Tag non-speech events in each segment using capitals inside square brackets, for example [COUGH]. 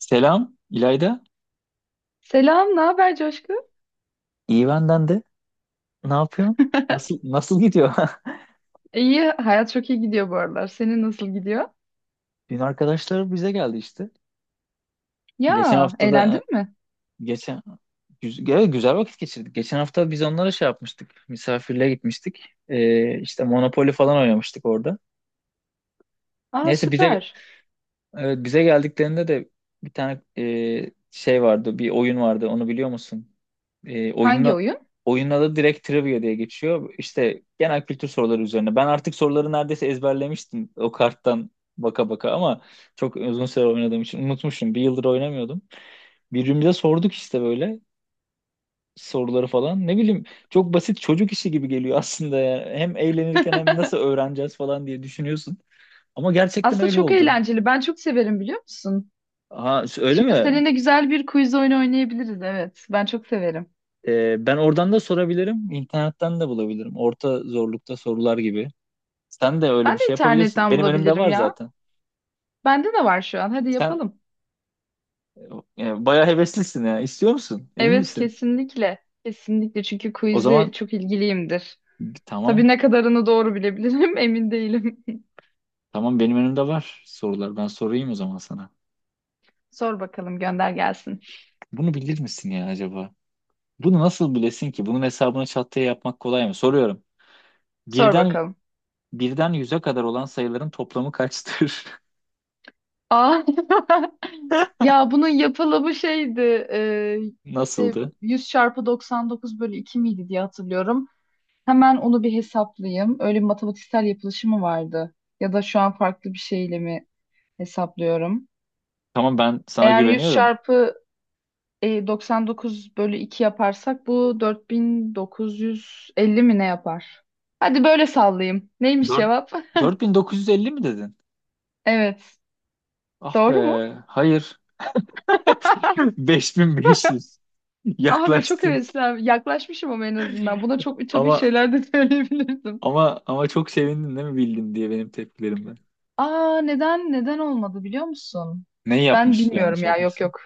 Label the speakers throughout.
Speaker 1: Selam İlayda.
Speaker 2: Selam, ne haber Coşku?
Speaker 1: İyi benden de. Ne yapıyorsun? Nasıl
Speaker 2: [LAUGHS]
Speaker 1: nasıl gidiyor?
Speaker 2: İyi, hayat çok iyi gidiyor bu aralar. Senin nasıl gidiyor?
Speaker 1: [LAUGHS] Dün arkadaşlar bize geldi işte.
Speaker 2: Ya,
Speaker 1: Geçen hafta da
Speaker 2: eğlendin mi?
Speaker 1: geçen evet, güzel vakit geçirdik. Geçen hafta biz onlara şey yapmıştık. Misafirliğe gitmiştik. İşte Monopoly falan oynamıştık orada.
Speaker 2: Aa,
Speaker 1: Neyse,
Speaker 2: süper.
Speaker 1: evet, bize geldiklerinde de bir tane şey vardı, bir oyun vardı. Onu biliyor musun? E,
Speaker 2: Hangi
Speaker 1: oyunun
Speaker 2: oyun?
Speaker 1: Oyunun adı direkt trivia diye geçiyor. İşte genel kültür soruları üzerine. Ben artık soruları neredeyse ezberlemiştim o karttan baka baka, ama çok uzun süre oynadığım için unutmuşum. Bir yıldır oynamıyordum. Birbirimize sorduk işte böyle soruları falan. Ne bileyim, çok basit çocuk işi gibi geliyor aslında ya. Hem eğlenirken hem
Speaker 2: [LAUGHS]
Speaker 1: nasıl öğreneceğiz falan diye düşünüyorsun. Ama gerçekten
Speaker 2: Aslında
Speaker 1: öyle
Speaker 2: çok
Speaker 1: oldu.
Speaker 2: eğlenceli. Ben çok severim biliyor musun?
Speaker 1: Ha, öyle
Speaker 2: Şimdi
Speaker 1: mi?
Speaker 2: seninle güzel bir quiz oyunu oynayabiliriz. Evet, ben çok severim.
Speaker 1: Ben oradan da sorabilirim, internetten de bulabilirim. Orta zorlukta sorular gibi. Sen de öyle
Speaker 2: Ben
Speaker 1: bir
Speaker 2: de
Speaker 1: şey yapabilirsin.
Speaker 2: internetten
Speaker 1: Benim önümde
Speaker 2: bulabilirim
Speaker 1: var
Speaker 2: ya.
Speaker 1: zaten.
Speaker 2: Bende de var şu an. Hadi
Speaker 1: Sen
Speaker 2: yapalım.
Speaker 1: bayağı heveslisin ya. İstiyor musun? Emin
Speaker 2: Evet,
Speaker 1: misin?
Speaker 2: kesinlikle. Kesinlikle çünkü
Speaker 1: O
Speaker 2: quiz'e
Speaker 1: zaman
Speaker 2: çok ilgiliyimdir.
Speaker 1: tamam.
Speaker 2: Tabii ne kadarını doğru bilebilirim [LAUGHS] emin değilim. [LAUGHS]
Speaker 1: Tamam, benim önümde var sorular. Ben sorayım o zaman sana.
Speaker 2: Sor bakalım, gönder gelsin.
Speaker 1: Bunu bilir misin ya acaba? Bunu nasıl bilesin ki? Bunun hesabını çat diye yapmak kolay mı? Soruyorum.
Speaker 2: Sor
Speaker 1: Birden
Speaker 2: bakalım.
Speaker 1: birden 100'e kadar olan sayıların toplamı kaçtır?
Speaker 2: Aa, [LAUGHS] ya bunun yapılımı şeydi e,
Speaker 1: [LAUGHS]
Speaker 2: işte
Speaker 1: Nasıldı?
Speaker 2: 100 çarpı 99 bölü 2 miydi diye hatırlıyorum. Hemen onu bir hesaplayayım. Öyle bir matematiksel yapılışı mı vardı? Ya da şu an farklı bir şeyle mi hesaplıyorum?
Speaker 1: Tamam, ben sana
Speaker 2: Eğer 100
Speaker 1: güveniyorum.
Speaker 2: çarpı 99 bölü 2 yaparsak bu 4950 mi ne yapar? Hadi böyle sallayayım. Neymiş
Speaker 1: Dört-
Speaker 2: cevap? [LAUGHS]
Speaker 1: 4950 mi dedin?
Speaker 2: Evet.
Speaker 1: Ah be.
Speaker 2: Doğru mu?
Speaker 1: Hayır. [LAUGHS] 5500.
Speaker 2: Abi çok
Speaker 1: Yaklaştın.
Speaker 2: heveslen yaklaşmışım ama en azından. Buna çok ütopik
Speaker 1: Ama
Speaker 2: şeyler de [LAUGHS] söyleyebilirdim.
Speaker 1: ama çok sevindin değil mi bildin diye, benim tepkilerimden.
Speaker 2: Aa, neden olmadı biliyor musun?
Speaker 1: Neyi
Speaker 2: Ben
Speaker 1: yapmış?
Speaker 2: bilmiyorum
Speaker 1: Yanlış
Speaker 2: ya, yok
Speaker 1: yapmışsın.
Speaker 2: yok.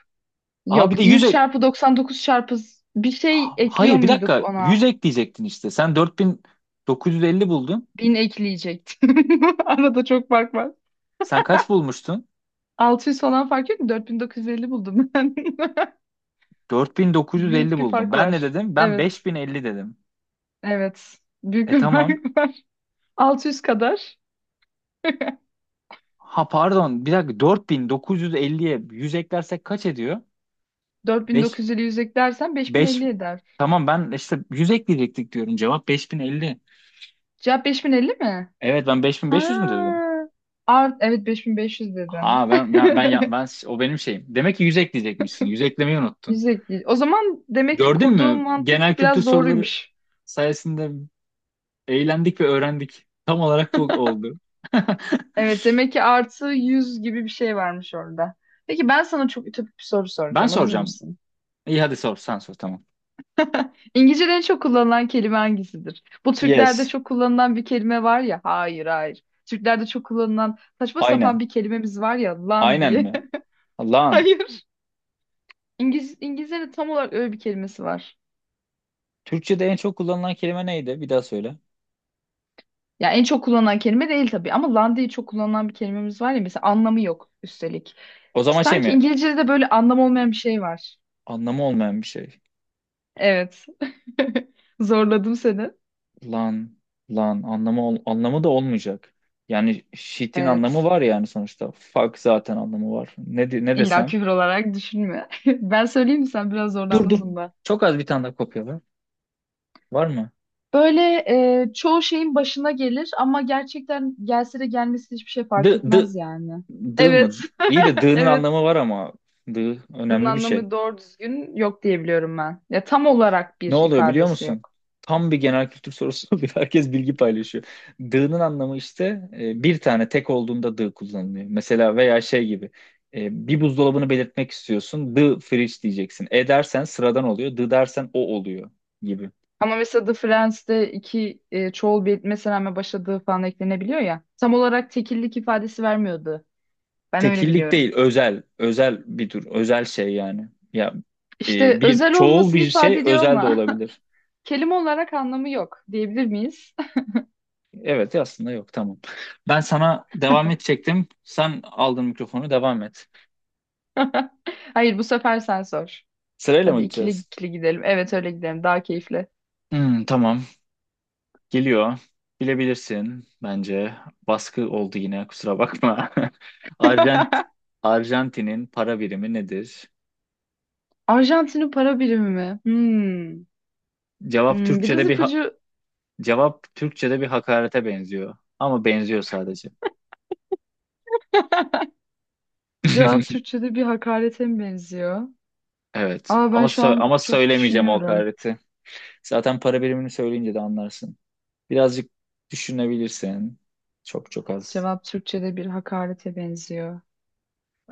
Speaker 1: Aa, bir de
Speaker 2: Yok,
Speaker 1: 100
Speaker 2: 100
Speaker 1: ek...
Speaker 2: çarpı 99 çarpı bir şey
Speaker 1: Ha-
Speaker 2: ekliyor
Speaker 1: hayır, bir
Speaker 2: muyduk
Speaker 1: dakika.
Speaker 2: ona?
Speaker 1: 100 ekleyecektin işte. Sen 4950 buldun.
Speaker 2: Bin ekleyecektim. [LAUGHS] Arada çok fark var.
Speaker 1: Sen kaç bulmuştun?
Speaker 2: 600 falan fark yok mu? 4950 buldum ben. [LAUGHS]
Speaker 1: 4950
Speaker 2: Büyük bir
Speaker 1: buldun.
Speaker 2: fark
Speaker 1: Ben ne
Speaker 2: var.
Speaker 1: dedim? Ben
Speaker 2: Evet.
Speaker 1: 5050 dedim.
Speaker 2: Evet. Büyük
Speaker 1: E,
Speaker 2: bir [LAUGHS]
Speaker 1: tamam.
Speaker 2: fark var. 600 kadar.
Speaker 1: Ha, pardon. Bir dakika, 4950'ye 150'ye 100 eklersek kaç ediyor? 5
Speaker 2: 4950 150 100 eklersen
Speaker 1: 5
Speaker 2: 5050 eder.
Speaker 1: tamam, ben işte 100 ekleyecektik diyorum. Cevap 5050.
Speaker 2: Cevap 5050 mi?
Speaker 1: Evet, ben beş bin
Speaker 2: Ha,
Speaker 1: beş yüz mü dedim?
Speaker 2: evet 5500
Speaker 1: Ha,
Speaker 2: dedin. [LAUGHS]
Speaker 1: ben o benim şeyim. Demek ki 100 ekleyecekmişsin. 100 eklemeyi unuttun.
Speaker 2: Yüzde değil. O zaman demek ki
Speaker 1: Gördün
Speaker 2: kurduğum
Speaker 1: mü?
Speaker 2: mantık
Speaker 1: Genel kültür
Speaker 2: biraz
Speaker 1: soruları
Speaker 2: doğruymuş.
Speaker 1: sayesinde eğlendik ve öğrendik. Tam olarak bu oldu. [LAUGHS]
Speaker 2: Evet demek ki artı 100 gibi bir şey varmış orada. Peki ben sana çok ütopik bir soru
Speaker 1: Ben
Speaker 2: soracağım. Hazır
Speaker 1: soracağım.
Speaker 2: mısın?
Speaker 1: İyi, hadi sor, sen sor, tamam.
Speaker 2: İngilizce'de en çok kullanılan kelime hangisidir? Bu Türklerde
Speaker 1: Yes.
Speaker 2: çok kullanılan bir kelime var ya. Hayır, hayır. Türklerde çok kullanılan saçma sapan
Speaker 1: Aynen.
Speaker 2: bir kelimemiz var ya, lan
Speaker 1: Aynen
Speaker 2: diye.
Speaker 1: mi?
Speaker 2: [LAUGHS]
Speaker 1: Lan.
Speaker 2: Hayır. İngiliz, İngilizce'de tam olarak öyle bir kelimesi var.
Speaker 1: Türkçe'de en çok kullanılan kelime neydi? Bir daha söyle.
Speaker 2: Ya en çok kullanılan kelime değil tabii ama lan diye çok kullanılan bir kelimemiz var ya, mesela anlamı yok üstelik.
Speaker 1: O zaman şey
Speaker 2: Sanki
Speaker 1: mi?
Speaker 2: İngilizce'de de böyle anlam olmayan bir şey var.
Speaker 1: Anlamı olmayan bir şey.
Speaker 2: Evet. [LAUGHS] Zorladım seni.
Speaker 1: Lan, lan, anlamı da olmayacak. Yani shit'in anlamı
Speaker 2: Evet.
Speaker 1: var yani sonuçta. Fuck zaten anlamı var. Ne
Speaker 2: İlla
Speaker 1: desem?
Speaker 2: küfür olarak düşünme. [LAUGHS] Ben söyleyeyim mi, sen biraz
Speaker 1: Dur, dur.
Speaker 2: zorlandın bunda.
Speaker 1: Çok az bir tane daha kopya var. Var mı?
Speaker 2: Böyle çoğu şeyin başına gelir ama gerçekten gelse de gelmesi hiçbir şey fark
Speaker 1: D d
Speaker 2: etmez yani.
Speaker 1: D
Speaker 2: Evet.
Speaker 1: mı? İyi de
Speaker 2: [LAUGHS]
Speaker 1: d'nın
Speaker 2: Evet.
Speaker 1: anlamı var ama d
Speaker 2: Bunun
Speaker 1: önemli bir şey.
Speaker 2: anlamı doğru düzgün yok diyebiliyorum ben. Ya tam olarak
Speaker 1: Ne
Speaker 2: bir
Speaker 1: oluyor biliyor
Speaker 2: ifadesi
Speaker 1: musun?
Speaker 2: yok.
Speaker 1: Tam bir genel kültür sorusu [LAUGHS] oluyor. Herkes bilgi paylaşıyor. Dığ'nın anlamı işte, bir tane tek olduğunda dığ kullanılıyor. Mesela veya şey gibi, bir buzdolabını belirtmek istiyorsun. Dığ fridge diyeceksin. E dersen sıradan oluyor. Dığ dersen o oluyor gibi.
Speaker 2: Ama mesela The Friends'te iki çoğul bir etmesine rağmen başladığı falan eklenebiliyor ya. Tam olarak tekillik ifadesi vermiyordu. Ben öyle
Speaker 1: Tekillik
Speaker 2: biliyorum.
Speaker 1: değil, özel. Özel bir tür. Özel şey yani. Ya,
Speaker 2: İşte
Speaker 1: bir
Speaker 2: özel
Speaker 1: çoğul
Speaker 2: olmasını
Speaker 1: bir
Speaker 2: ifade
Speaker 1: şey
Speaker 2: ediyor
Speaker 1: özel de
Speaker 2: ama
Speaker 1: olabilir.
Speaker 2: [LAUGHS] kelime olarak anlamı yok diyebilir miyiz?
Speaker 1: Evet, aslında yok, tamam. Ben sana devam edecektim. Sen aldın mikrofonu, devam et.
Speaker 2: [LAUGHS] Hayır, bu sefer sen sor.
Speaker 1: Sırayla mı
Speaker 2: Hadi ikili
Speaker 1: gideceğiz?
Speaker 2: ikili gidelim. Evet, öyle gidelim. Daha keyifli.
Speaker 1: Hmm, tamam. Geliyor. Bilebilirsin bence. Baskı oldu yine, kusura bakma. [LAUGHS] Arjant
Speaker 2: [LAUGHS]
Speaker 1: Arjantin'in para birimi nedir?
Speaker 2: Arjantin'in para birimi mi? Hmm.
Speaker 1: Cevap
Speaker 2: Hmm, biraz
Speaker 1: Türkçe'de bir ha-
Speaker 2: ipucu,
Speaker 1: Cevap Türkçe'de bir hakarete benziyor. Ama benziyor sadece.
Speaker 2: cevap
Speaker 1: [LAUGHS]
Speaker 2: Türkçe'de bir hakarete mi benziyor?
Speaker 1: Evet.
Speaker 2: Aa, ben şu an
Speaker 1: Ama
Speaker 2: çok
Speaker 1: söylemeyeceğim o
Speaker 2: düşünüyorum.
Speaker 1: hakareti. Zaten para birimini söyleyince de anlarsın. Birazcık düşünebilirsin. Çok çok az.
Speaker 2: Cevap Türkçe'de bir hakarete benziyor.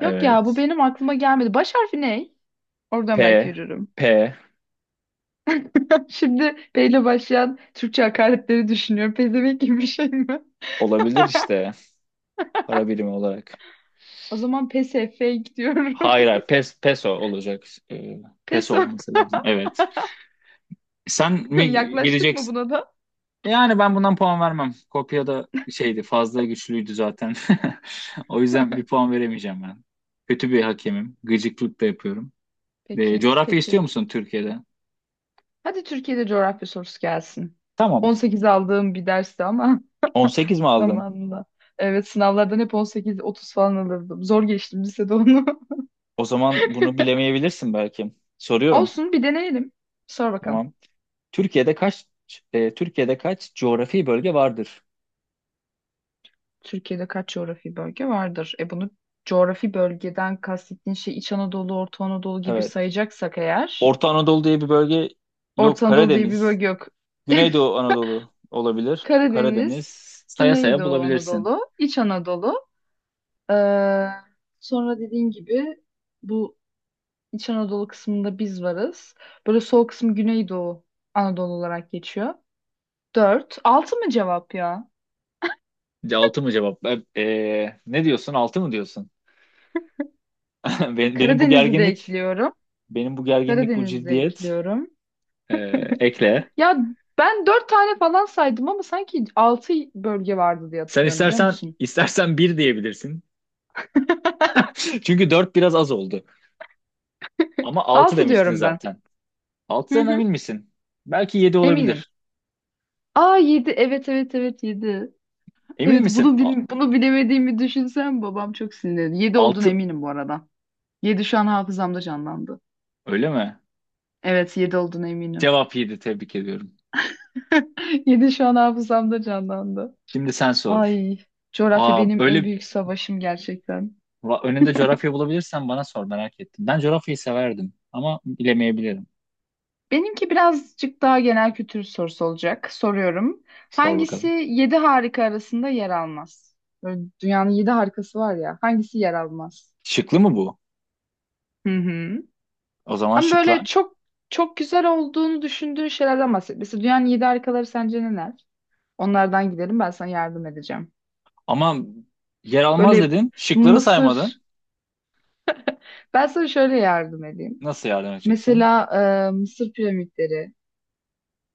Speaker 2: Yok ya, bu benim aklıma gelmedi. Baş harfi ne?
Speaker 1: P
Speaker 2: Oradan belki yürürüm.
Speaker 1: P
Speaker 2: [LAUGHS] Şimdi P ile başlayan Türkçe hakaretleri düşünüyorum. Pezevenk gibi bir şey mi?
Speaker 1: olabilir işte, para birimi olarak.
Speaker 2: O zaman pes fake diyorum.
Speaker 1: Hayır, hayır. Peso olacak. Ee,
Speaker 2: [LAUGHS] Pes
Speaker 1: Peso
Speaker 2: var.
Speaker 1: olması lazım. Evet. Sen
Speaker 2: [LAUGHS]
Speaker 1: mi
Speaker 2: Yaklaştık mı
Speaker 1: gideceksin?
Speaker 2: buna da?
Speaker 1: Yani ben bundan puan vermem. Kopya da şeydi, fazla güçlüydü zaten. [LAUGHS] O yüzden bir puan veremeyeceğim ben. Kötü bir hakemim. Gıcıklık da yapıyorum.
Speaker 2: Peki,
Speaker 1: Coğrafya
Speaker 2: peki.
Speaker 1: istiyor musun Türkiye'de?
Speaker 2: Hadi Türkiye'de coğrafya sorusu gelsin.
Speaker 1: Tamam.
Speaker 2: 18 aldığım bir dersti ama
Speaker 1: 18 mi
Speaker 2: [LAUGHS]
Speaker 1: aldın?
Speaker 2: zamanında. Evet sınavlardan hep 18-30 falan alırdım. Zor geçtim lisede onu. [LAUGHS]
Speaker 1: O zaman bunu bilemeyebilirsin belki. Soruyorum.
Speaker 2: Olsun, bir deneyelim. Sor bakalım.
Speaker 1: Tamam. Türkiye'de kaç Türkiye'de kaç coğrafi bölge vardır?
Speaker 2: Türkiye'de kaç coğrafi bölge vardır? E, bunu, coğrafi bölgeden kastettiğin şey İç Anadolu, Orta Anadolu gibi
Speaker 1: Evet.
Speaker 2: sayacaksak eğer,
Speaker 1: Orta Anadolu diye bir bölge yok.
Speaker 2: Orta Anadolu diye bir
Speaker 1: Karadeniz.
Speaker 2: bölge yok. [LAUGHS]
Speaker 1: Güneydoğu Anadolu olabilir. Karadeniz.
Speaker 2: Karadeniz,
Speaker 1: Saya saya
Speaker 2: Güneydoğu
Speaker 1: bulabilirsin.
Speaker 2: Anadolu, İç Anadolu. Ee, sonra dediğin gibi bu İç Anadolu kısmında biz varız. Böyle sol kısmı Güneydoğu Anadolu olarak geçiyor. Dört. Altı mı cevap ya?
Speaker 1: Altı mı cevap? Ne diyorsun? Altı mı diyorsun? [LAUGHS] Ben- Benim bu
Speaker 2: Karadeniz'i de
Speaker 1: gerginlik,
Speaker 2: ekliyorum.
Speaker 1: benim bu gerginlik, bu
Speaker 2: Karadeniz'i de
Speaker 1: ciddiyet.
Speaker 2: ekliyorum.
Speaker 1: E, ekle.
Speaker 2: Ya ben dört tane falan saydım ama sanki altı bölge vardı diye
Speaker 1: Sen
Speaker 2: hatırlıyorum biliyor
Speaker 1: istersen
Speaker 2: musun?
Speaker 1: istersen bir diyebilirsin. [LAUGHS] Çünkü dört biraz az oldu. Ama altı
Speaker 2: Altı
Speaker 1: demiştin
Speaker 2: diyorum ben.
Speaker 1: zaten.
Speaker 2: Hı
Speaker 1: Altıdan
Speaker 2: hı.
Speaker 1: emin misin? Belki yedi
Speaker 2: Eminim.
Speaker 1: olabilir.
Speaker 2: Aa, yedi. Evet, evet, evet, yedi.
Speaker 1: Emin
Speaker 2: Evet,
Speaker 1: misin?
Speaker 2: bunu bilemediğimi düşünsem babam çok sinirlenir. Yedi olduğuna
Speaker 1: Altı
Speaker 2: eminim bu arada. Yedi şu an hafızamda canlandı.
Speaker 1: öyle mi?
Speaker 2: Evet, yedi olduğuna eminim.
Speaker 1: Cevap yedi. Tebrik ediyorum.
Speaker 2: [LAUGHS] Yedi şu an hafızamda canlandı.
Speaker 1: Şimdi sen sor.
Speaker 2: Ay, coğrafya
Speaker 1: Aa,
Speaker 2: benim en
Speaker 1: öyle.
Speaker 2: büyük savaşım gerçekten.
Speaker 1: Önünde coğrafya bulabilirsen bana sor, merak ettim. Ben coğrafyayı severdim ama bilemeyebilirim.
Speaker 2: Benimki birazcık daha genel kültür sorusu olacak. Soruyorum.
Speaker 1: Sor
Speaker 2: Hangisi
Speaker 1: bakalım.
Speaker 2: yedi harika arasında yer almaz? Böyle dünyanın yedi harikası var ya. Hangisi yer almaz?
Speaker 1: Şıklı mı bu?
Speaker 2: Hı hı.
Speaker 1: O zaman
Speaker 2: Ama
Speaker 1: şıklar.
Speaker 2: böyle çok çok güzel olduğunu düşündüğün şeylerden bahset. Mesela dünyanın yedi harikaları sence neler? Onlardan gidelim, ben sana yardım edeceğim.
Speaker 1: Ama yer almaz
Speaker 2: Böyle
Speaker 1: dedin. Şıkları
Speaker 2: Mısır.
Speaker 1: saymadın.
Speaker 2: Ben sana şöyle yardım edeyim.
Speaker 1: Nasıl yardım edeceksin?
Speaker 2: Mesela Mısır piramitleri.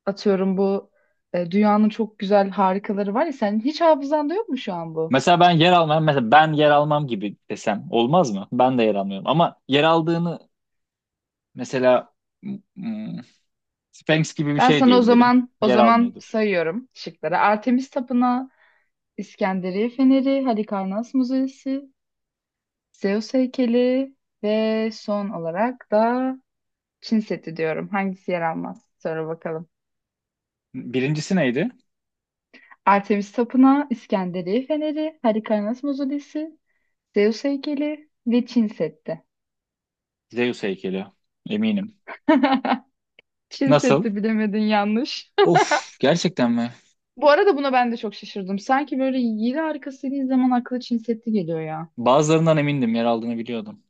Speaker 2: Atıyorum bu dünyanın çok güzel harikaları var ya. Senin hiç hafızanda yok mu şu an bu?
Speaker 1: Mesela ben yer almam. Mesela ben yer almam gibi desem olmaz mı? Ben de yer almıyorum. Ama yer aldığını, mesela, hmm, Sphinx gibi bir
Speaker 2: Ben
Speaker 1: şey
Speaker 2: sana o
Speaker 1: diyebilirim.
Speaker 2: zaman
Speaker 1: Yer almıyordur.
Speaker 2: sayıyorum şıkları. Artemis Tapınağı, İskenderiye Feneri, Halikarnas Müzesi, Zeus heykeli ve son olarak da Çin Seddi diyorum. Hangisi yer almaz? Sonra bakalım.
Speaker 1: Birincisi neydi?
Speaker 2: Artemis Tapınağı, İskenderiye Feneri, Halikarnas Müzesi, Zeus heykeli ve Çin Seddi.
Speaker 1: Zeus heykeli. Eminim.
Speaker 2: [LAUGHS] Çin
Speaker 1: Nasıl?
Speaker 2: Seddi, bilemedin, yanlış.
Speaker 1: Of, gerçekten mi?
Speaker 2: [LAUGHS] Bu arada buna ben de çok şaşırdım. Sanki böyle yedi arkasını izlemen aklı Çin Seddi geliyor ya.
Speaker 1: Bazılarından emindim, yer aldığını biliyordum.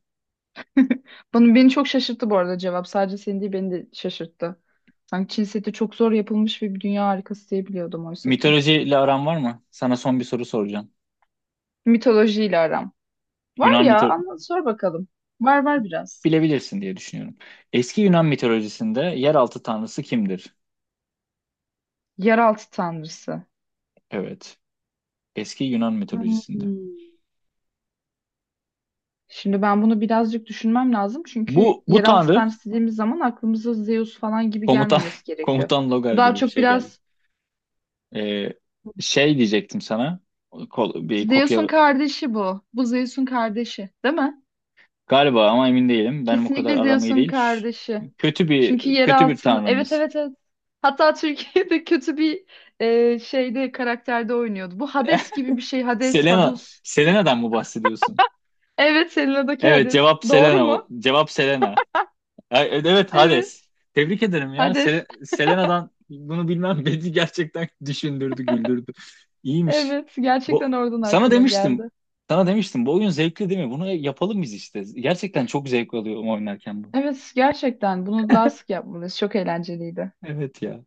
Speaker 2: Bunu beni çok şaşırttı bu arada cevap. Sadece seni değil beni de şaşırttı. Sanki Çin seti çok zor yapılmış ve bir dünya harikası diye biliyordum oysa ki.
Speaker 1: Mitolojiyle aran var mı? Sana son bir soru soracağım.
Speaker 2: Mitolojiyle aram. Var
Speaker 1: Yunan
Speaker 2: ya,
Speaker 1: mito
Speaker 2: anlat, sor bakalım. Var, var biraz.
Speaker 1: Bilebilirsin diye düşünüyorum. Eski Yunan mitolojisinde yeraltı tanrısı kimdir?
Speaker 2: Yeraltı tanrısı.
Speaker 1: Evet. Eski Yunan mitolojisinde.
Speaker 2: Hmm. Şimdi ben bunu birazcık düşünmem lazım. Çünkü
Speaker 1: Bu
Speaker 2: yeraltı
Speaker 1: tanrı
Speaker 2: tanrısı dediğimiz zaman aklımıza Zeus falan gibi
Speaker 1: komutan
Speaker 2: gelmemesi
Speaker 1: [LAUGHS]
Speaker 2: gerekiyor.
Speaker 1: komutan Logar
Speaker 2: Bu daha
Speaker 1: gibi bir
Speaker 2: çok
Speaker 1: şey geldi.
Speaker 2: biraz
Speaker 1: Ee, şey diyecektim sana. Bir
Speaker 2: Zeus'un
Speaker 1: kopya
Speaker 2: kardeşi bu. Bu Zeus'un kardeşi, değil mi?
Speaker 1: galiba ama emin değilim. Benim o kadar
Speaker 2: Kesinlikle
Speaker 1: aramayı
Speaker 2: Zeus'un
Speaker 1: değil.
Speaker 2: kardeşi.
Speaker 1: Kötü
Speaker 2: Çünkü
Speaker 1: bir
Speaker 2: yer altın. Evet,
Speaker 1: tanrımız.
Speaker 2: evet, evet. Hatta Türkiye'de [LAUGHS] kötü bir şeyde karakterde oynuyordu. Bu Hades gibi bir
Speaker 1: [LAUGHS]
Speaker 2: şey. Hades, Hadus.
Speaker 1: Selena'dan mı bahsediyorsun?
Speaker 2: Evet, Selena'daki
Speaker 1: Evet,
Speaker 2: Hades.
Speaker 1: cevap
Speaker 2: Doğru
Speaker 1: Selena.
Speaker 2: mu?
Speaker 1: Cevap Selena. Ay, evet, Hades.
Speaker 2: Evet.
Speaker 1: Tebrik ederim ya.
Speaker 2: Hades.
Speaker 1: Selena'dan bunu bilmem [LAUGHS] beni gerçekten düşündürdü, güldürdü.
Speaker 2: [LAUGHS]
Speaker 1: İyiymiş.
Speaker 2: Evet.
Speaker 1: Bu
Speaker 2: Gerçekten oradan
Speaker 1: sana
Speaker 2: aklıma
Speaker 1: demiştim.
Speaker 2: geldi.
Speaker 1: Sana demiştim, bu oyun zevkli değil mi? Bunu yapalım biz işte. Gerçekten çok zevk alıyorum oynarken bu.
Speaker 2: Evet, gerçekten bunu daha sık yapmalıyız. Çok eğlenceliydi.
Speaker 1: Evet ya.